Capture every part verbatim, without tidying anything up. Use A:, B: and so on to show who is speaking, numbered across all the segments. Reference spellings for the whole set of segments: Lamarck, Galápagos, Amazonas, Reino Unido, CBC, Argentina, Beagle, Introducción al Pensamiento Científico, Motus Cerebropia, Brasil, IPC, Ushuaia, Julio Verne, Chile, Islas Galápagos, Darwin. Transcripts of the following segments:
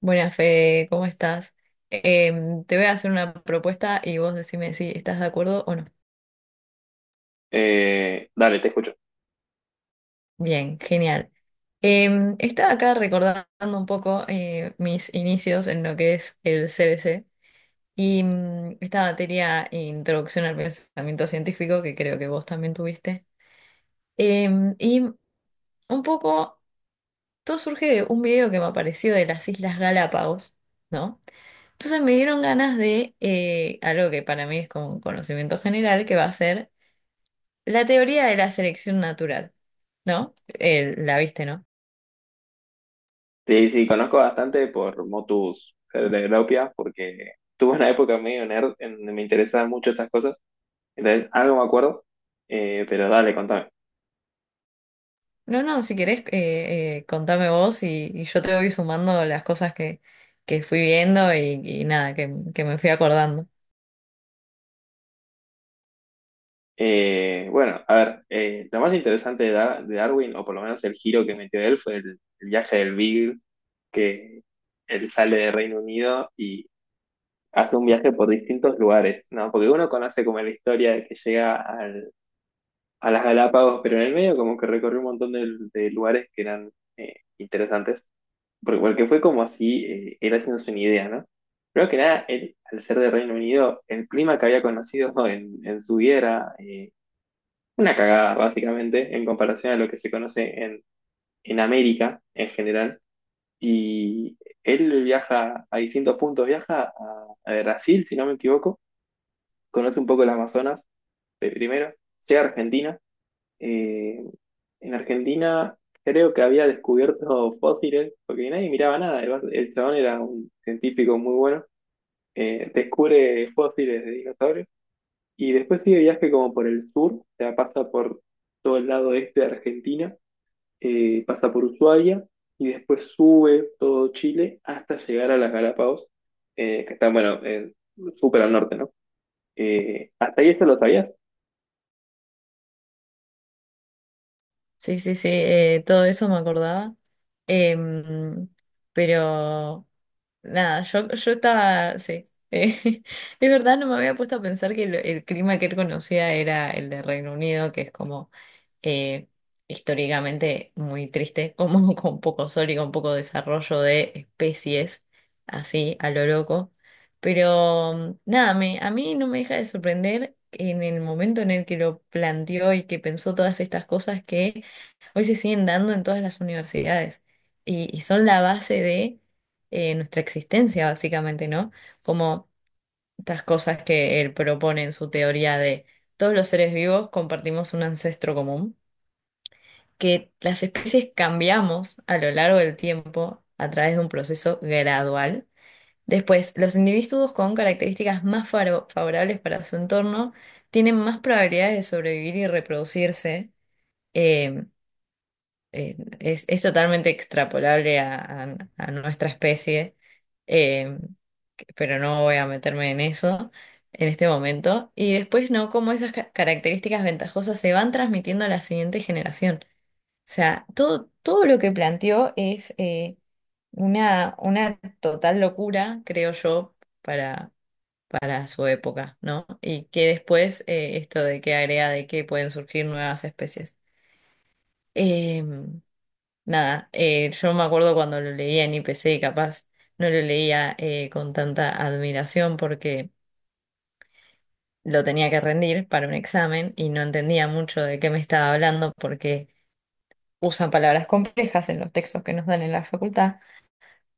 A: Buenas, Fede, ¿cómo estás? Em, te voy a hacer una propuesta y vos decime si estás de acuerdo o no.
B: Eh, dale, te escucho.
A: Bien, genial. Em, estaba acá recordando un poco eh, mis inicios en lo que es el C B C y mm, esta materia Introducción al Pensamiento Científico, que creo que vos también tuviste. Em, y un poco, todo surge de un video que me apareció de las Islas Galápagos, ¿no? Entonces me dieron ganas de eh, algo que para mí es como un conocimiento general, que va a ser la teoría de la selección natural, ¿no? Eh, ¿la viste, no?
B: Sí, sí, conozco bastante por Motus Cerebropia, porque tuve una época medio nerd en me interesaban mucho estas cosas. Entonces, algo me acuerdo, eh, pero dale, contame.
A: No, no, si querés, eh, eh, contame vos y, y yo te voy sumando las cosas que, que fui viendo y, y nada, que, que me fui acordando.
B: Eh, bueno, a ver, eh, lo más interesante de, Dar- de Darwin, o por lo menos el giro que metió él, fue el, el viaje del Beagle, que él sale de Reino Unido y hace un viaje por distintos lugares, ¿no? Porque uno conoce como la historia de que llega a las Galápagos, pero en el medio como que recorrí un montón de, de lugares que eran eh, interesantes, porque, porque fue como así, eh, él haciéndose una idea, ¿no? Creo que nada, él, al ser de Reino Unido, el clima que había conocido en, en su vida era eh, una cagada, básicamente, en comparación a lo que se conoce en, en América en general. Y él viaja a distintos puntos, viaja a, a Brasil, si no me equivoco, conoce un poco el Amazonas de primero, llega a Argentina eh, en Argentina creo que había descubierto fósiles, porque nadie miraba nada. El, va- el chabón era un científico muy bueno. Eh, descubre fósiles de dinosaurios y después sigue viaje como por el sur, o sea, pasa por todo el lado este de Argentina, eh, pasa por Ushuaia y después sube todo Chile hasta llegar a las Galápagos, eh, que están, bueno, eh, súper al norte, ¿no? Eh, hasta ahí esto lo sabías?
A: Sí, sí, sí, eh, todo eso me acordaba. Em, pero nada, yo, yo estaba, sí. eh, es verdad, no me había puesto a pensar que el, el clima que él conocía era el de Reino Unido, que es como eh, históricamente muy triste, como con poco sol y con poco desarrollo de especies, así a lo loco. Pero mm, nada, me, a mí no me deja de sorprender en el momento en el que lo planteó y que pensó todas estas cosas que hoy se siguen dando en todas las universidades y, y son la base de eh, nuestra existencia, básicamente, ¿no? Como estas cosas que él propone en su teoría de todos los seres vivos, compartimos un ancestro común, que las especies cambiamos a lo largo del tiempo a través de un proceso gradual. Después, los individuos con características más faro- favorables para su entorno tienen más probabilidades de sobrevivir y reproducirse. Eh, eh, es, es totalmente extrapolable a, a- a nuestra especie, eh, que- pero no voy a meterme en eso en este momento, y después no, cómo esas ca- características ventajosas se van transmitiendo a la siguiente generación. O sea, todo, todo lo que planteó es eh, una, una total locura, creo yo, para, para su época, ¿no? Y que después eh, esto de que agrega de que pueden surgir nuevas especies. Eh, nada, eh, yo me acuerdo cuando lo leía en I P C, capaz no lo leía eh, con tanta admiración porque lo tenía que rendir para un examen y no entendía mucho de qué me estaba hablando porque usan palabras complejas en los textos que nos dan en la facultad.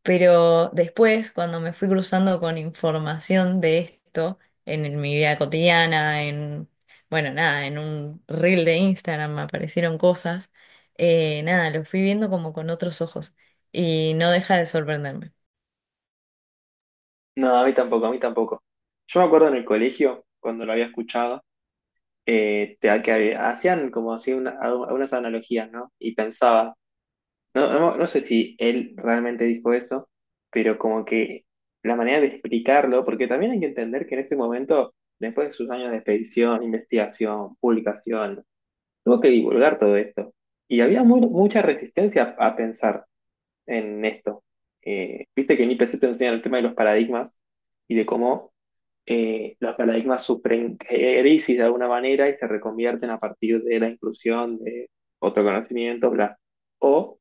A: Pero después, cuando me fui cruzando con información de esto en, el- mi vida cotidiana, en, bueno, nada, en un reel de Instagram me aparecieron cosas, eh, nada, lo fui viendo como con otros ojos y no deja de sorprenderme.
B: No, a mí tampoco, a mí tampoco. Yo me acuerdo en el colegio, cuando lo había escuchado, eh, te- que hacían como así una- algunas analogías, ¿no? Y pensaba, no, no, no sé si él realmente dijo eso, pero como que la manera de explicarlo, porque también hay que entender que en ese momento, después de sus años de expedición, investigación, publicación, tuvo que divulgar todo esto. Y había mu- mucha resistencia a pensar en esto. Eh, viste que en I P C te enseñan el tema de los paradigmas y de cómo eh, los paradigmas sufren crisis de alguna manera y se reconvierten a partir de la inclusión de otro conocimiento, bla. O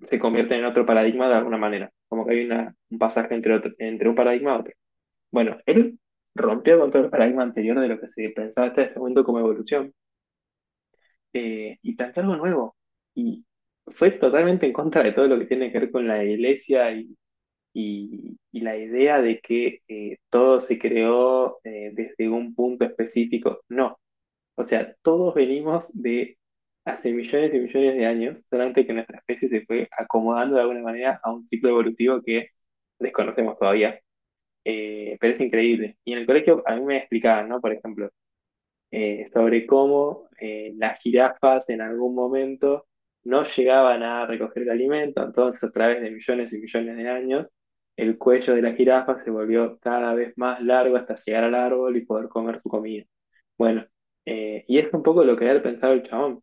B: se convierten en otro paradigma de alguna manera, como que hay una- un pasaje entre, otro- entre un paradigma y otro. Bueno, él rompió con todo el paradigma anterior de lo que se pensaba hasta ese momento como evolución eh, y planteó algo nuevo. Y fue totalmente en contra de todo lo que tiene que ver con la iglesia y y, y la idea de que eh, todo se creó eh, desde un punto específico, no. O sea, todos venimos de hace millones y millones de años, solamente que nuestra especie se fue acomodando de alguna manera a un ciclo evolutivo que desconocemos todavía. Eh, pero es increíble. Y en el colegio a mí me explicaban, ¿no? Por ejemplo, eh, sobre cómo eh, las jirafas en algún momento no llegaban a recoger el alimento, entonces a través de millones y millones de años, el cuello de la jirafa se volvió cada vez más largo hasta llegar al árbol y poder comer su comida. Bueno, eh, y es un poco lo que había pensado el chabón,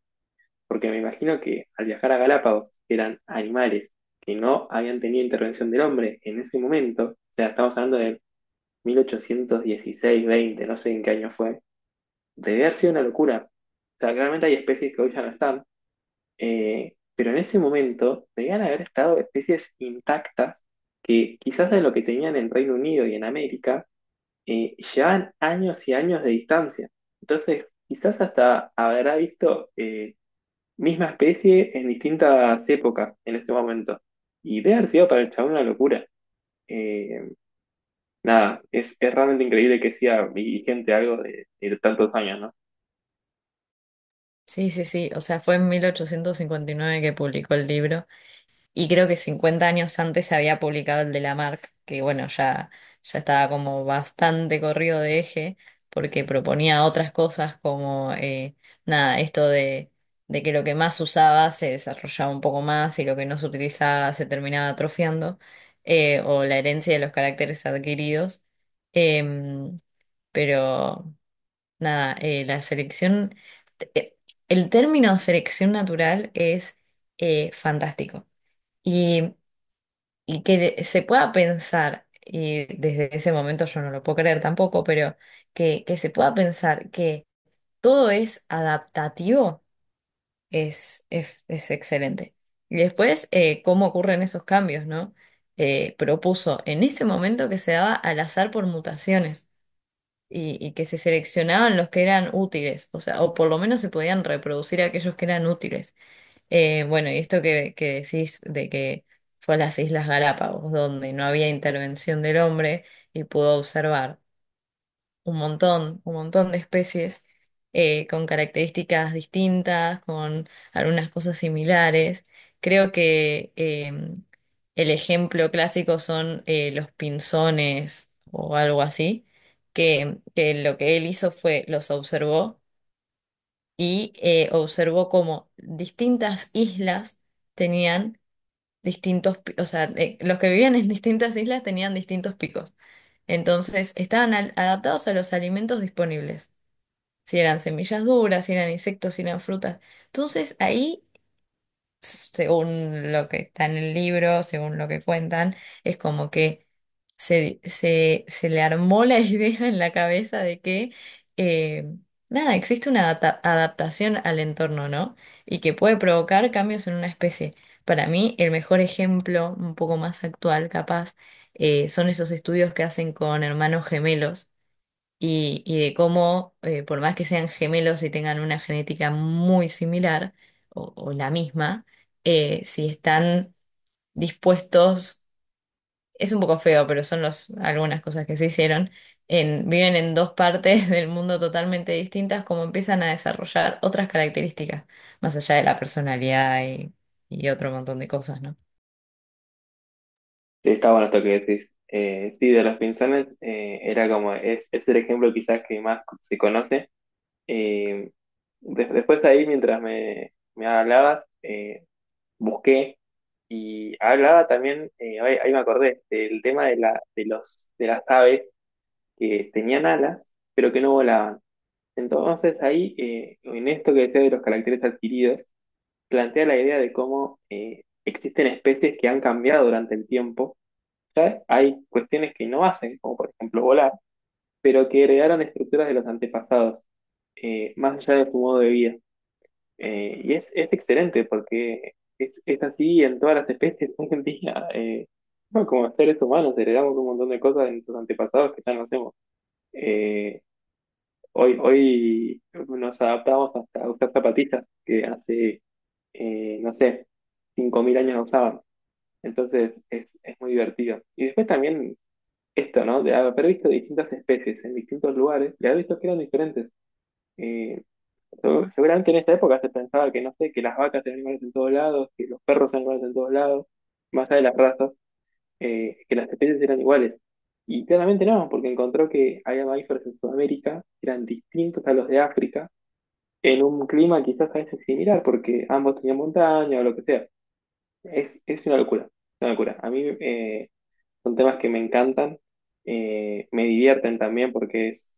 B: porque me imagino que al viajar a Galápagos, que eran animales que no habían tenido intervención del hombre en ese momento, o sea, estamos hablando de mil ochocientos dieciséis-veinte, no sé en qué año fue, debe haber sido una locura. O sea, claramente hay especies que hoy ya no están, eh, pero en ese momento debían haber estado especies intactas que quizás de lo que tenían en Reino Unido y en América eh, llevaban años y años de distancia. Entonces, quizás hasta habrá visto eh, misma especie en distintas épocas en ese momento. Y debe haber sido para el chabón una locura. Eh, Nada, es, es realmente increíble que sea vigente algo de de tantos años, ¿no?
A: Sí, sí, sí, o sea, fue en mil ochocientos cincuenta y nueve que publicó el libro. Y creo que cincuenta años antes se había publicado el de Lamarck, que bueno, ya, ya estaba como bastante corrido de eje, porque proponía otras cosas como, eh, nada, esto de, de que lo que más usaba se desarrollaba un poco más y lo que no se utilizaba se terminaba atrofiando, eh, o la herencia de los caracteres adquiridos. Em, pero nada, eh, la selección, eh, el término selección natural es eh, fantástico. Y y que le- se pueda pensar, y desde ese momento yo no lo puedo creer tampoco, pero que, que se pueda pensar que todo es adaptativo es, es, es excelente. Y después, eh, cómo ocurren esos cambios, ¿no? Eh, propuso en ese momento que se daba al azar por mutaciones y, y que se seleccionaban los que eran útiles, o sea, o por lo menos se podían reproducir aquellos que eran útiles. Eh, bueno, y esto que, que decís de que fue a las Islas Galápagos, donde no había intervención del hombre y pudo observar un montón, un montón de especies eh, con características distintas, con algunas cosas similares. Creo que eh, el ejemplo clásico son eh, los pinzones o algo así, que, que lo que él hizo fue los observó y eh, observó cómo distintas islas tenían distintos, pi- o sea, eh, los que vivían en distintas islas tenían distintos picos. Entonces, estaban al- adaptados a los alimentos disponibles, si eran semillas duras, si eran insectos, si eran frutas. Entonces, ahí según lo que está en el libro, según lo que cuentan, es como que se, se, se le armó la idea en la cabeza de que, eh, nada, existe una adapta- adaptación al entorno, ¿no? Y que puede provocar cambios en una especie. Para mí, el mejor ejemplo, un poco más actual, capaz, eh, son esos estudios que hacen con hermanos gemelos y, y de cómo, eh, por más que sean gemelos y tengan una genética muy similar o, o la misma, eh, si están dispuestos, es un poco feo, pero son los, algunas cosas que se hicieron, en, viven en dos partes del mundo totalmente distintas, como empiezan a desarrollar otras características, más allá de la personalidad y, y otro montón de cosas, ¿no?
B: Sí, está bueno esto que decís. Eh, sí, de los pinzones eh, era como, es, es el ejemplo quizás que más se conoce. Eh, de- Después ahí, mientras me, me hablabas, eh, busqué y hablaba también, eh, ahí, ahí me acordé, del tema de, la, de, los, de las aves que tenían alas, pero que no volaban. Entonces ahí, eh, en esto que decía de los caracteres adquiridos, plantea la idea de cómo eh, existen especies que han cambiado durante el tiempo, ¿sabes? Hay cuestiones que no hacen, como por ejemplo volar, pero que heredaron estructuras de los antepasados, eh, más allá de su modo de vida. Eh, y es, es excelente porque es, es así en todas las especies hoy en día. Eh, bueno, como seres humanos heredamos un montón de cosas de nuestros antepasados que ya no hacemos. Eh, Hoy, hoy nos adaptamos hasta usar zapatillas que hace, eh, no sé, cinco mil años no usaban. Entonces es, es muy divertido. Y después también esto, ¿no? De haber visto distintas especies en distintos lugares y haber visto que eran diferentes. Eh, so- Seguramente en esa época se pensaba que, no sé, que las vacas eran animales en todos lados, que los perros eran animales en todos lados, más allá de las razas, eh, que las especies eran iguales. Y claramente no, porque encontró que había mamíferos en Sudamérica que eran distintos a los de África, en un clima quizás a veces similar, porque ambos tenían montaña o lo que sea. Es, es una locura, una locura. A mí eh, son temas que me encantan, eh, me divierten también porque es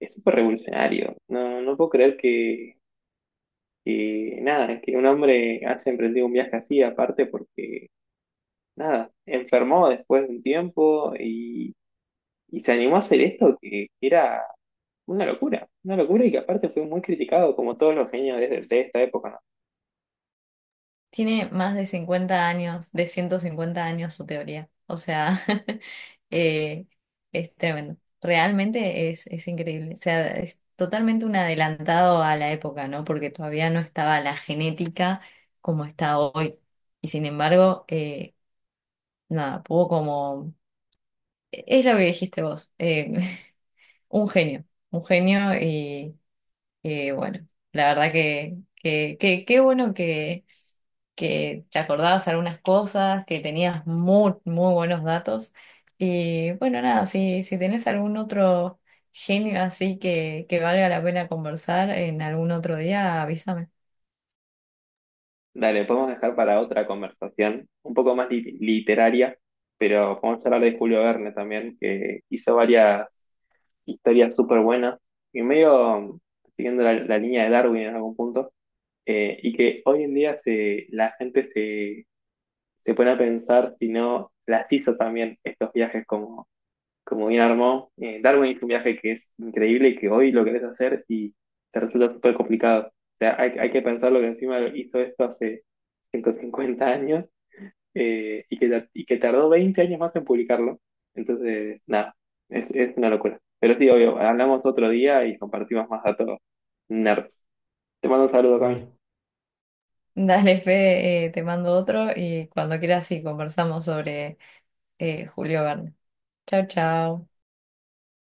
B: es súper revolucionario. No, no puedo creer que, que, nada, que un hombre haya emprendido un viaje así, aparte porque, nada, enfermó después de un tiempo y, y se animó a hacer esto que era una locura, una locura y que aparte fue muy criticado como todos los genios de, de esta época. ¿No?
A: Tiene más de cincuenta años, de ciento cincuenta años su teoría. O sea, eh, es tremendo. Realmente es, es increíble. O sea, es totalmente un adelantado a la época, ¿no? Porque todavía no estaba la genética como está hoy. Y sin embargo, eh, nada, pudo como... e-, Es lo que dijiste vos, eh, un genio, un genio, eh, bueno, la verdad que, que, que- qué bueno que, que te acordabas algunas cosas, que tenías muy, muy buenos datos. Y bueno, nada, si, si tenés algún otro genio así que, que valga la pena conversar en algún otro día, avísame.
B: Dale, podemos dejar para otra conversación, un poco más lit- literaria, pero podemos hablar de Julio Verne también, que hizo varias historias súper buenas, y medio siguiendo la, la línea de Darwin en algún punto, eh, y que hoy en día se, la gente se, se pone a pensar si no las hizo también estos viajes como como bien armó. Eh, Darwin hizo un viaje que es increíble y que hoy lo querés hacer y te resulta súper complicado. O sea, hay, hay que pensar lo que encima hizo esto hace ciento cincuenta años eh, y, que, ta- y que tardó veinte años más en publicarlo. Entonces, nada, es, es una locura. Pero sí, obvio, hablamos otro día y compartimos más datos nerds. Te mando un saludo, Cami.
A: Dale. Dale, Fede, eh, te mando otro y cuando quieras sí conversamos sobre eh, Julio Verne. Chao, chao.